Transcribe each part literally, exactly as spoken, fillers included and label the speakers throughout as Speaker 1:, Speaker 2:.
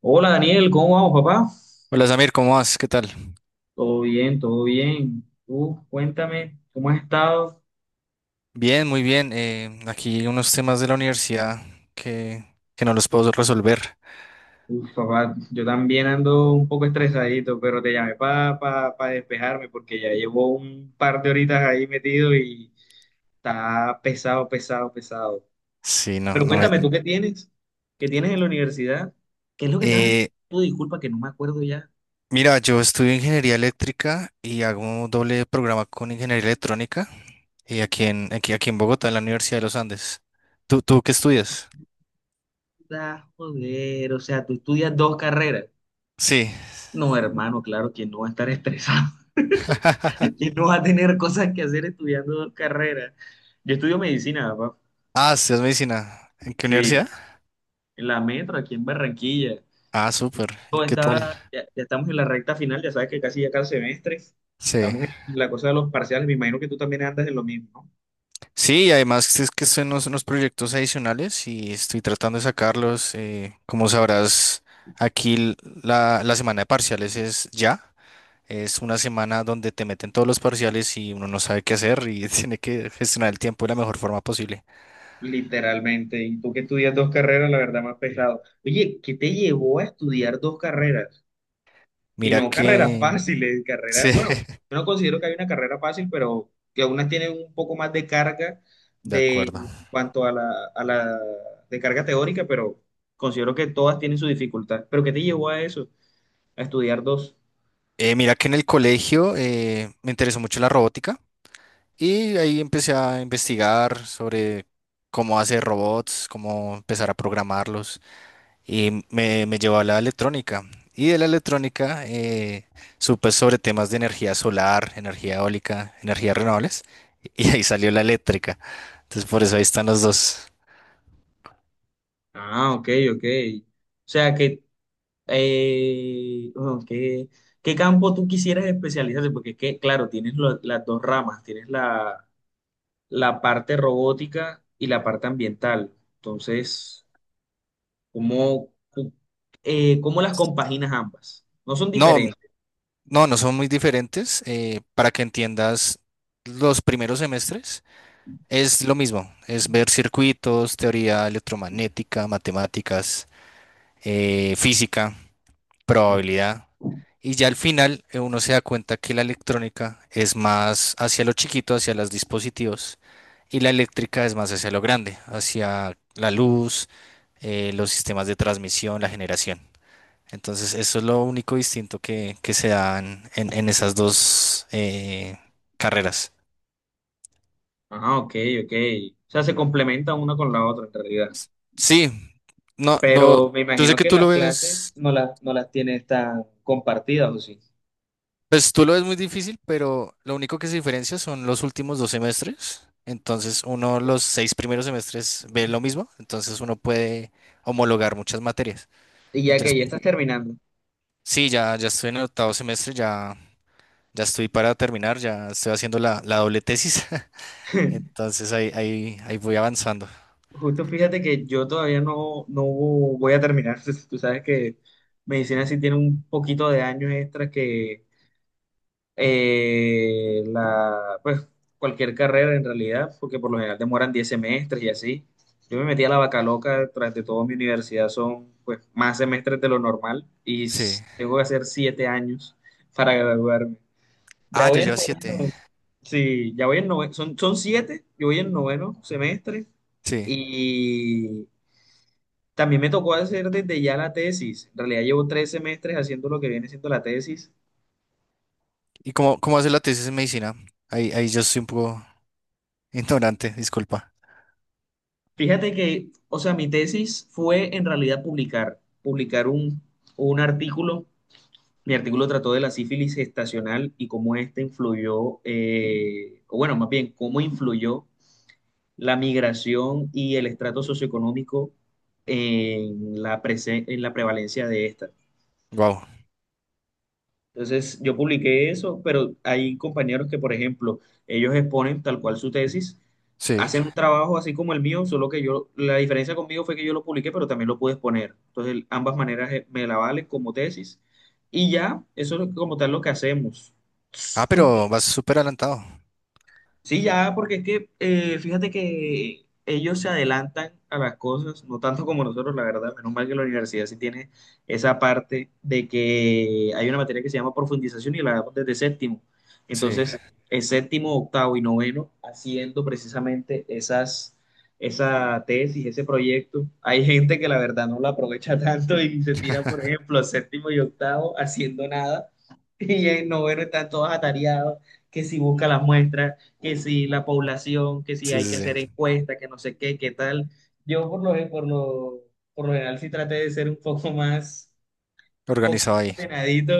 Speaker 1: Hola Daniel, ¿cómo vamos, papá?
Speaker 2: Hola Samir, ¿cómo vas? ¿Qué tal?
Speaker 1: Todo bien, todo bien. Tú, cuéntame, ¿cómo has estado?
Speaker 2: Bien, muy bien. Eh, aquí unos temas de la universidad que, que no los puedo resolver.
Speaker 1: Uf, papá, yo también ando un poco estresadito, pero te llamé para despejarme porque ya llevo un par de horitas ahí metido y está pesado, pesado, pesado.
Speaker 2: Sí, no,
Speaker 1: Pero
Speaker 2: no me...
Speaker 1: cuéntame, ¿tú qué tienes? ¿Qué tienes en la universidad? ¿Qué es lo que estabas estudiando?
Speaker 2: eh,
Speaker 1: Tú, Disculpa que no me acuerdo ya.
Speaker 2: Mira, yo estudio ingeniería eléctrica y hago doble programa con ingeniería electrónica y aquí en, aquí, aquí en Bogotá, en la Universidad de los Andes. ¿Tú, tú ¿qué estudias?
Speaker 1: Ah, joder, o sea, tú estudias dos carreras.
Speaker 2: Sí.
Speaker 1: No, hermano, claro, ¿quién no va a estar estresado? ¿Quién no va a tener cosas que hacer estudiando dos carreras? Yo estudio medicina, papá.
Speaker 2: Ah, estudias medicina. ¿En qué
Speaker 1: Sí,
Speaker 2: universidad?
Speaker 1: en la metro, aquí en Barranquilla.
Speaker 2: Ah, súper. ¿Y
Speaker 1: Yo
Speaker 2: qué tal?
Speaker 1: estaba, ya, ya estamos en la recta final, ya sabes que casi ya cada semestre.
Speaker 2: Sí.
Speaker 1: Estamos en la cosa de los parciales. Me imagino que tú también andas en lo mismo, ¿no?
Speaker 2: Sí, y además es que son unos, unos proyectos adicionales y estoy tratando de sacarlos. Eh, como sabrás, aquí l- la, la semana de parciales es ya. Es una semana donde te meten todos los parciales y uno no sabe qué hacer y tiene que gestionar el tiempo de la mejor forma posible.
Speaker 1: Literalmente. Y tú que estudias dos carreras, la verdad, más pesado. Oye, ¿qué te llevó a estudiar dos carreras? Y
Speaker 2: Mira
Speaker 1: no carreras
Speaker 2: que...
Speaker 1: fáciles, carreras,
Speaker 2: Sí,
Speaker 1: bueno, yo no considero que hay una carrera fácil, pero que algunas tienen un poco más de carga
Speaker 2: de
Speaker 1: de
Speaker 2: acuerdo.
Speaker 1: en cuanto a la, a la de carga teórica, pero considero que todas tienen su dificultad. ¿Pero qué te llevó a eso? A estudiar dos.
Speaker 2: Eh, mira que en el colegio eh, me interesó mucho la robótica y ahí empecé a investigar sobre cómo hacer robots, cómo empezar a programarlos. Y me, me llevó a la electrónica. Y de la electrónica eh, supe sobre temas de energía solar, energía eólica, energías renovables, y ahí salió la eléctrica. Entonces por eso ahí están los dos.
Speaker 1: Ah, ok, ok. O sea que, eh, bueno, ¿qué, qué, campo tú quisieras especializarte? Porque es que, claro, tienes lo- las dos ramas, tienes la, la parte robótica y la parte ambiental. Entonces. ¿Cómo, cu- eh, cómo las compaginas ambas? No son
Speaker 2: No,
Speaker 1: diferentes.
Speaker 2: no, no son muy diferentes. Eh, para que entiendas los primeros semestres, es lo mismo, es ver circuitos, teoría electromagnética, matemáticas, eh, física, probabilidad. Y ya al final eh, uno se da cuenta que la electrónica es más hacia lo chiquito, hacia los dispositivos, y la eléctrica es más hacia lo grande, hacia la luz, eh, los sistemas de transmisión, la generación. Entonces, eso es lo único distinto que, que se dan en, en esas dos eh, carreras.
Speaker 1: Ah, ok, ok. O sea, se complementan una con la otra en realidad.
Speaker 2: Sí, no, no,
Speaker 1: Pero me
Speaker 2: yo sé
Speaker 1: imagino
Speaker 2: que
Speaker 1: que
Speaker 2: tú
Speaker 1: las
Speaker 2: lo
Speaker 1: clases
Speaker 2: ves.
Speaker 1: no las, no las tienes tan compartidas, ¿o sí?
Speaker 2: Pues tú lo ves muy difícil, pero lo único que se diferencia son los últimos dos semestres. Entonces, uno, los seis primeros semestres ve lo mismo, entonces uno puede homologar muchas materias.
Speaker 1: Y ya
Speaker 2: Entonces,
Speaker 1: que ya estás terminando.
Speaker 2: sí, ya, ya estoy en el octavo semestre, ya, ya estoy para terminar, ya estoy haciendo la, la doble tesis. Entonces, ahí, ahí, ahí voy avanzando.
Speaker 1: Justo fíjate que yo todavía no, no voy a terminar. Tú sabes que medicina sí tiene un poquito de años extras que eh, la, pues cualquier carrera en realidad, porque por lo general demoran diez semestres y así. Yo me metí a la vaca loca, tras de todo mi universidad son pues más semestres de lo normal y
Speaker 2: Sí.
Speaker 1: s- tengo que hacer siete años para graduarme. Ya
Speaker 2: Ah, ya
Speaker 1: voy en,
Speaker 2: lleva siete.
Speaker 1: sí, ya voy en noveno, son, son siete yo voy en noveno semestre
Speaker 2: Sí.
Speaker 1: y también me tocó hacer desde ya la tesis. En realidad llevo tres semestres haciendo lo que viene siendo la tesis.
Speaker 2: ¿Y cómo, cómo hace la tesis en medicina? Ahí, ahí yo soy un poco ignorante, disculpa.
Speaker 1: Fíjate que, o sea, mi tesis fue en realidad publicar, publicar un, un artículo. Mi artículo trató de la sífilis gestacional y cómo ésta influyó, eh, o bueno, más bien, cómo influyó la migración y el estrato socioeconómico en la, prese- en la prevalencia de esta.
Speaker 2: Wow.
Speaker 1: Entonces yo publiqué eso, pero hay compañeros que, por ejemplo, ellos exponen tal cual su tesis,
Speaker 2: Sí.
Speaker 1: hacen un trabajo así como el mío, solo que yo, la diferencia conmigo fue que yo lo publiqué, pero también lo pude exponer. Entonces el- ambas maneras eh, me la valen como tesis y ya, eso es lo- como tal lo que hacemos.
Speaker 2: Ah, pero vas súper adelantado.
Speaker 1: Sí, ya, porque es que eh, fíjate que ellos se adelantan a las cosas, no tanto como nosotros, la verdad. Menos mal que la universidad sí tiene esa parte de que hay una materia que se llama profundización y la damos desde séptimo.
Speaker 2: Sí.
Speaker 1: Entonces, el séptimo, octavo y noveno, haciendo precisamente esas, esa tesis, ese proyecto. Hay gente que la verdad no la aprovecha tanto y se tira, por ejemplo, séptimo y octavo haciendo nada. Y en noveno están todos atareados, que si busca las muestras que si la población, que si
Speaker 2: Sí,
Speaker 1: hay
Speaker 2: sí,
Speaker 1: que hacer
Speaker 2: sí.
Speaker 1: encuestas, que no sé qué, qué tal. Yo por lo, por lo, por lo general sí traté de ser un poco más, un poco más
Speaker 2: Organizado ahí.
Speaker 1: ordenadito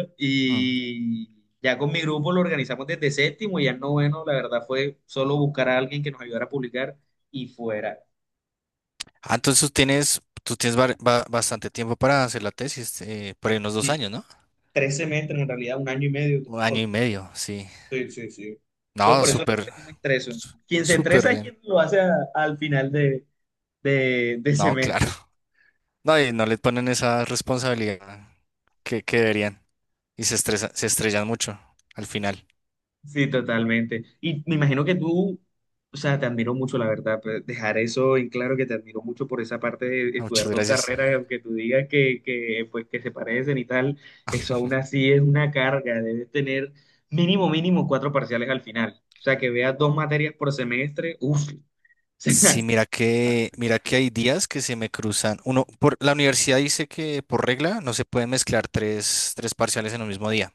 Speaker 2: Mm.
Speaker 1: y ya con mi grupo lo organizamos desde séptimo y ya no noveno, la verdad fue solo buscar a alguien que nos ayudara a publicar y fuera.
Speaker 2: Ah, entonces tú tienes, tú tienes bar- ba- bastante tiempo para hacer la tesis, eh, por ahí unos dos
Speaker 1: Y
Speaker 2: años, ¿no?
Speaker 1: tres semestres, en realidad un año y medio.
Speaker 2: Un año
Speaker 1: por-
Speaker 2: y medio, sí.
Speaker 1: sí, sí, sí. Entonces
Speaker 2: No,
Speaker 1: por eso
Speaker 2: súper,
Speaker 1: no me estreso.
Speaker 2: su-
Speaker 1: Quien se
Speaker 2: súper
Speaker 1: estresa es
Speaker 2: bien.
Speaker 1: quien lo hace a- al final de, de de
Speaker 2: No, claro.
Speaker 1: semestre.
Speaker 2: No, y no le ponen esa responsabilidad que, que deberían. Y se estresa- se estrellan mucho al final.
Speaker 1: Sí, totalmente. Y me imagino que tú, o sea, te admiro mucho, la verdad, pues, dejar eso en claro que te admiro mucho por esa parte de
Speaker 2: Ah, muchas
Speaker 1: estudiar dos
Speaker 2: gracias.
Speaker 1: carreras, aunque tú digas que, que, pues, que se parecen y tal, eso aún así es una carga. Debes tener mínimo, mínimo cuatro parciales al final. O sea, que veas dos materias por semestre, uff. O
Speaker 2: Sí, mira que, mira
Speaker 1: sea,
Speaker 2: que hay días que se me cruzan. Uno, por la universidad dice que por regla no se pueden mezclar tres, tres parciales en un mismo día.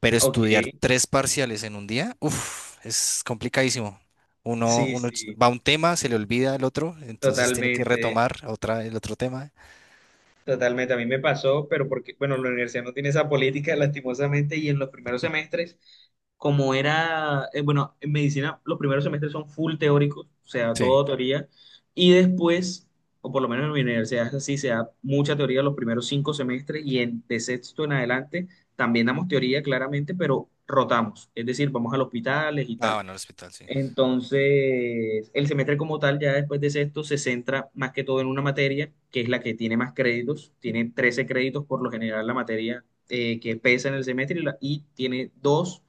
Speaker 2: Pero
Speaker 1: ok,
Speaker 2: estudiar tres parciales en un día, uff, es complicadísimo. Uno,
Speaker 1: sí,
Speaker 2: uno ch-
Speaker 1: sí,
Speaker 2: va a un tema, se le olvida el otro, entonces tiene que
Speaker 1: totalmente.
Speaker 2: retomar otra, el otro tema.
Speaker 1: Totalmente, a mí me pasó, pero porque, bueno, la universidad no tiene esa política, lastimosamente, y en los primeros semestres, como era, eh, bueno, en medicina los primeros semestres son full teóricos, o sea,
Speaker 2: Sí.
Speaker 1: todo teoría, y después, o por lo menos en mi universidad es así, se da mucha teoría los primeros cinco semestres, y en, de sexto en adelante también damos teoría, claramente, pero rotamos, es decir, vamos a los hospitales y
Speaker 2: Ah,
Speaker 1: tal.
Speaker 2: bueno, el hospital, sí.
Speaker 1: Entonces, el semestre como tal, ya después de sexto, se centra más que todo en una materia, que es la que tiene más créditos. Tiene trece créditos por lo general la materia eh, que pesa en el semestre y, la- y tiene dos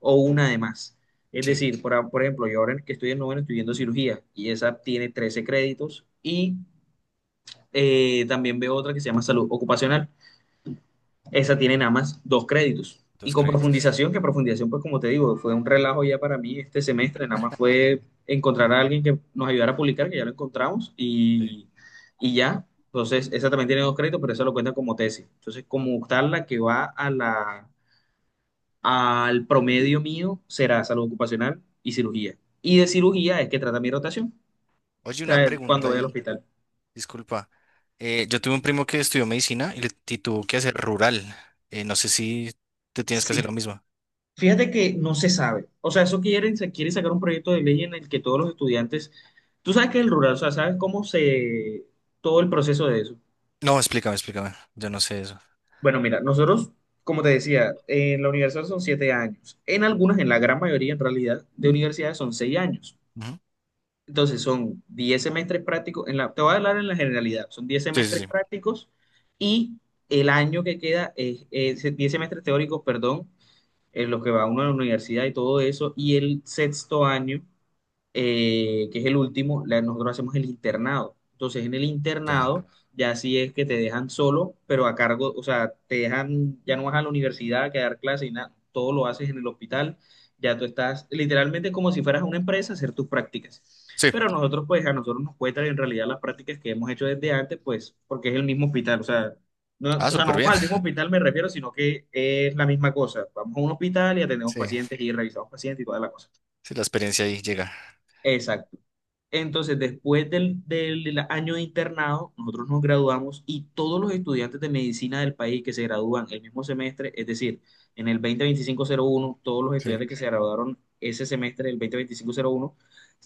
Speaker 1: o una de más. Es
Speaker 2: Sí,
Speaker 1: decir, por, a- por ejemplo, yo ahora que estoy en noveno estoy viendo cirugía y esa tiene trece créditos y eh, también veo otra que se llama salud ocupacional, esa tiene nada más dos créditos. Y
Speaker 2: dos
Speaker 1: con
Speaker 2: créditos.
Speaker 1: profundización, que profundización, pues como te digo, fue un relajo ya para mí este semestre, nada más fue encontrar a alguien que nos ayudara a publicar, que ya lo encontramos,
Speaker 2: Sí.
Speaker 1: y, y ya. Entonces, esa también tiene dos créditos, pero esa lo cuenta como tesis. Entonces, como tal, la que va a la, al promedio mío será salud ocupacional y cirugía. Y de cirugía es que trata mi rotación,
Speaker 2: Oye,
Speaker 1: o
Speaker 2: una
Speaker 1: sea, cuando
Speaker 2: pregunta
Speaker 1: voy al
Speaker 2: ahí,
Speaker 1: hospital.
Speaker 2: disculpa. Eh, yo tuve un primo que estudió medicina y, le, y tuvo que hacer rural. Eh, no sé si te tienes que hacer
Speaker 1: Sí,
Speaker 2: lo mismo.
Speaker 1: fíjate que no se sabe. O sea, eso quieren, se quiere sacar un proyecto de ley en el que todos los estudiantes, tú sabes que el rural, o sea, sabes cómo se, todo el proceso de eso.
Speaker 2: No, explícame, explícame. Yo no sé eso.
Speaker 1: Bueno, mira, nosotros, como te decía, en la universidad son siete años. En algunas, en la gran mayoría, en realidad, de universidades son seis años.
Speaker 2: Ujú.
Speaker 1: Entonces, son diez semestres prácticos. En la, te voy a hablar en la generalidad. Son diez
Speaker 2: Sí, sí,
Speaker 1: semestres
Speaker 2: sí.
Speaker 1: prácticos y el año que queda es, es diez semestres teóricos, perdón, en los que va uno a la universidad y todo eso. Y el sexto año eh, que es el último, la- nosotros hacemos el internado. Entonces, en el
Speaker 2: Ya.
Speaker 1: internado ya sí es que te dejan solo, pero a cargo, o sea, te dejan, ya no vas a la universidad que a dar clases y nada, todo lo haces en el hospital, ya tú estás literalmente como si fueras a una empresa a hacer tus prácticas.
Speaker 2: Sí.
Speaker 1: Pero nosotros, pues, a nosotros nos cuentan en realidad las prácticas que hemos hecho desde antes, pues, porque es el mismo hospital, o sea, no,
Speaker 2: Ah,
Speaker 1: o sea, no
Speaker 2: súper
Speaker 1: vamos
Speaker 2: bien.
Speaker 1: al mismo hospital, me refiero, sino que es la misma cosa. Vamos a un hospital y atendemos
Speaker 2: Sí,
Speaker 1: pacientes y revisamos pacientes y toda la cosa.
Speaker 2: sí, la experiencia ahí llega.
Speaker 1: Exacto. Entonces, después del, del año de internado, nosotros nos graduamos y todos los estudiantes de medicina del país que se gradúan el mismo semestre, es decir, en el dos mil veinticinco-cero uno, todos los
Speaker 2: Sí.
Speaker 1: estudiantes que se graduaron ese semestre, el dos mil veinticinco-cero uno,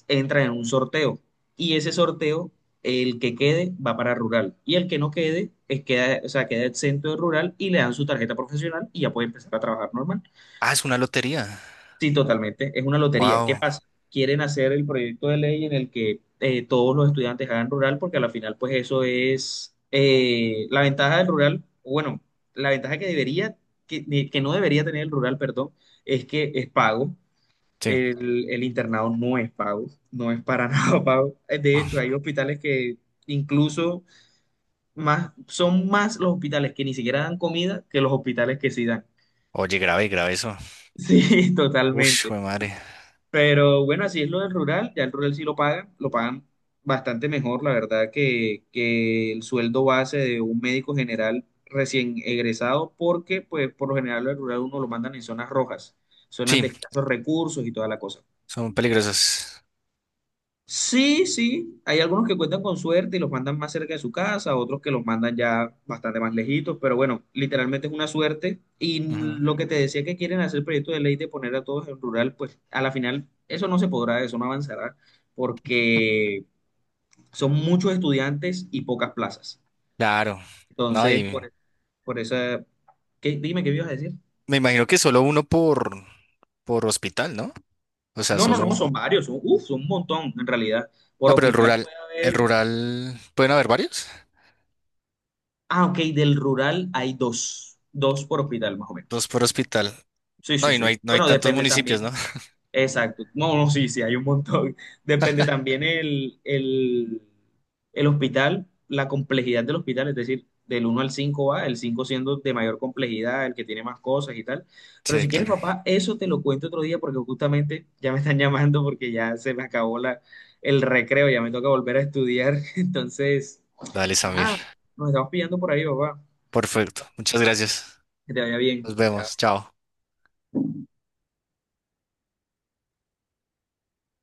Speaker 1: entran en un sorteo. Y ese sorteo, el que quede, va para rural. Y el que no quede, es queda, o sea, queda exento de rural y le dan su tarjeta profesional y ya puede empezar a trabajar normal.
Speaker 2: Ah, es una lotería.
Speaker 1: Sí, totalmente. Es una lotería. ¿Qué
Speaker 2: Wow.
Speaker 1: pasa? Quieren hacer el proyecto de ley en el que eh, todos los estudiantes hagan rural, porque a la final, pues eso es eh, la ventaja del rural, bueno, la ventaja que debería, que, de- que no debería tener el rural, perdón, es que es pago.
Speaker 2: Sí.
Speaker 1: El, el internado no es pago, no es para nada pago. Eh, De hecho, hay hospitales que incluso más, son más los hospitales que ni siquiera dan comida que los hospitales que sí dan.
Speaker 2: Oye, grave, grave eso.
Speaker 1: Sí,
Speaker 2: Uf,
Speaker 1: totalmente.
Speaker 2: jue madre.
Speaker 1: Pero bueno, así es lo del rural, ya el rural sí lo pagan, lo pagan bastante mejor, la verdad, que, que el sueldo base de un médico general recién egresado, porque pues por lo general el rural uno lo mandan en zonas rojas, zonas
Speaker 2: Sí,
Speaker 1: de escasos recursos y toda la cosa.
Speaker 2: son peligrosas.
Speaker 1: Sí, sí, hay algunos que cuentan con suerte y los mandan más cerca de su casa, otros que los mandan ya bastante más lejitos, pero bueno, literalmente es una suerte. Y
Speaker 2: Ujú.
Speaker 1: lo que te decía que quieren hacer el proyecto de ley de poner a todos en rural, pues a la final eso no se podrá, eso no avanzará, porque son muchos estudiantes y pocas plazas.
Speaker 2: Claro. No,
Speaker 1: Entonces, por,
Speaker 2: y
Speaker 1: e, por esa. ¿Qué? Dime, ¿qué me ibas a decir?
Speaker 2: me imagino que solo uno por, por hospital, ¿no? O sea,
Speaker 1: No, no,
Speaker 2: solo
Speaker 1: no, son
Speaker 2: un.
Speaker 1: varios, son, uf, son un montón en realidad. Por
Speaker 2: No, pero el
Speaker 1: hospital
Speaker 2: rural,
Speaker 1: puede
Speaker 2: el
Speaker 1: haber.
Speaker 2: rural, ¿pueden haber varios?
Speaker 1: Ah, ok, del rural hay dos, dos por hospital más o
Speaker 2: Dos
Speaker 1: menos.
Speaker 2: por hospital.
Speaker 1: Sí,
Speaker 2: No,
Speaker 1: sí,
Speaker 2: y no
Speaker 1: sí.
Speaker 2: hay, no hay
Speaker 1: Bueno,
Speaker 2: tantos
Speaker 1: depende
Speaker 2: municipios, ¿no?
Speaker 1: también. Exacto. No, no, sí, sí, hay un montón. Depende también el, el, el hospital, la complejidad del hospital, es decir, del uno al cinco va, el cinco siendo de mayor complejidad, el que tiene más cosas y tal. Pero
Speaker 2: Sí,
Speaker 1: si quieres, Sí.
Speaker 2: claro.
Speaker 1: papá, eso te lo cuento otro día porque justamente ya me están llamando porque ya se me acabó la, el recreo, ya me toca volver a estudiar. Entonces,
Speaker 2: Dale, Samir.
Speaker 1: nada, nos estamos pillando por ahí, papá.
Speaker 2: Perfecto. Muchas gracias.
Speaker 1: Que te vaya
Speaker 2: Nos
Speaker 1: bien.
Speaker 2: vemos. Chao.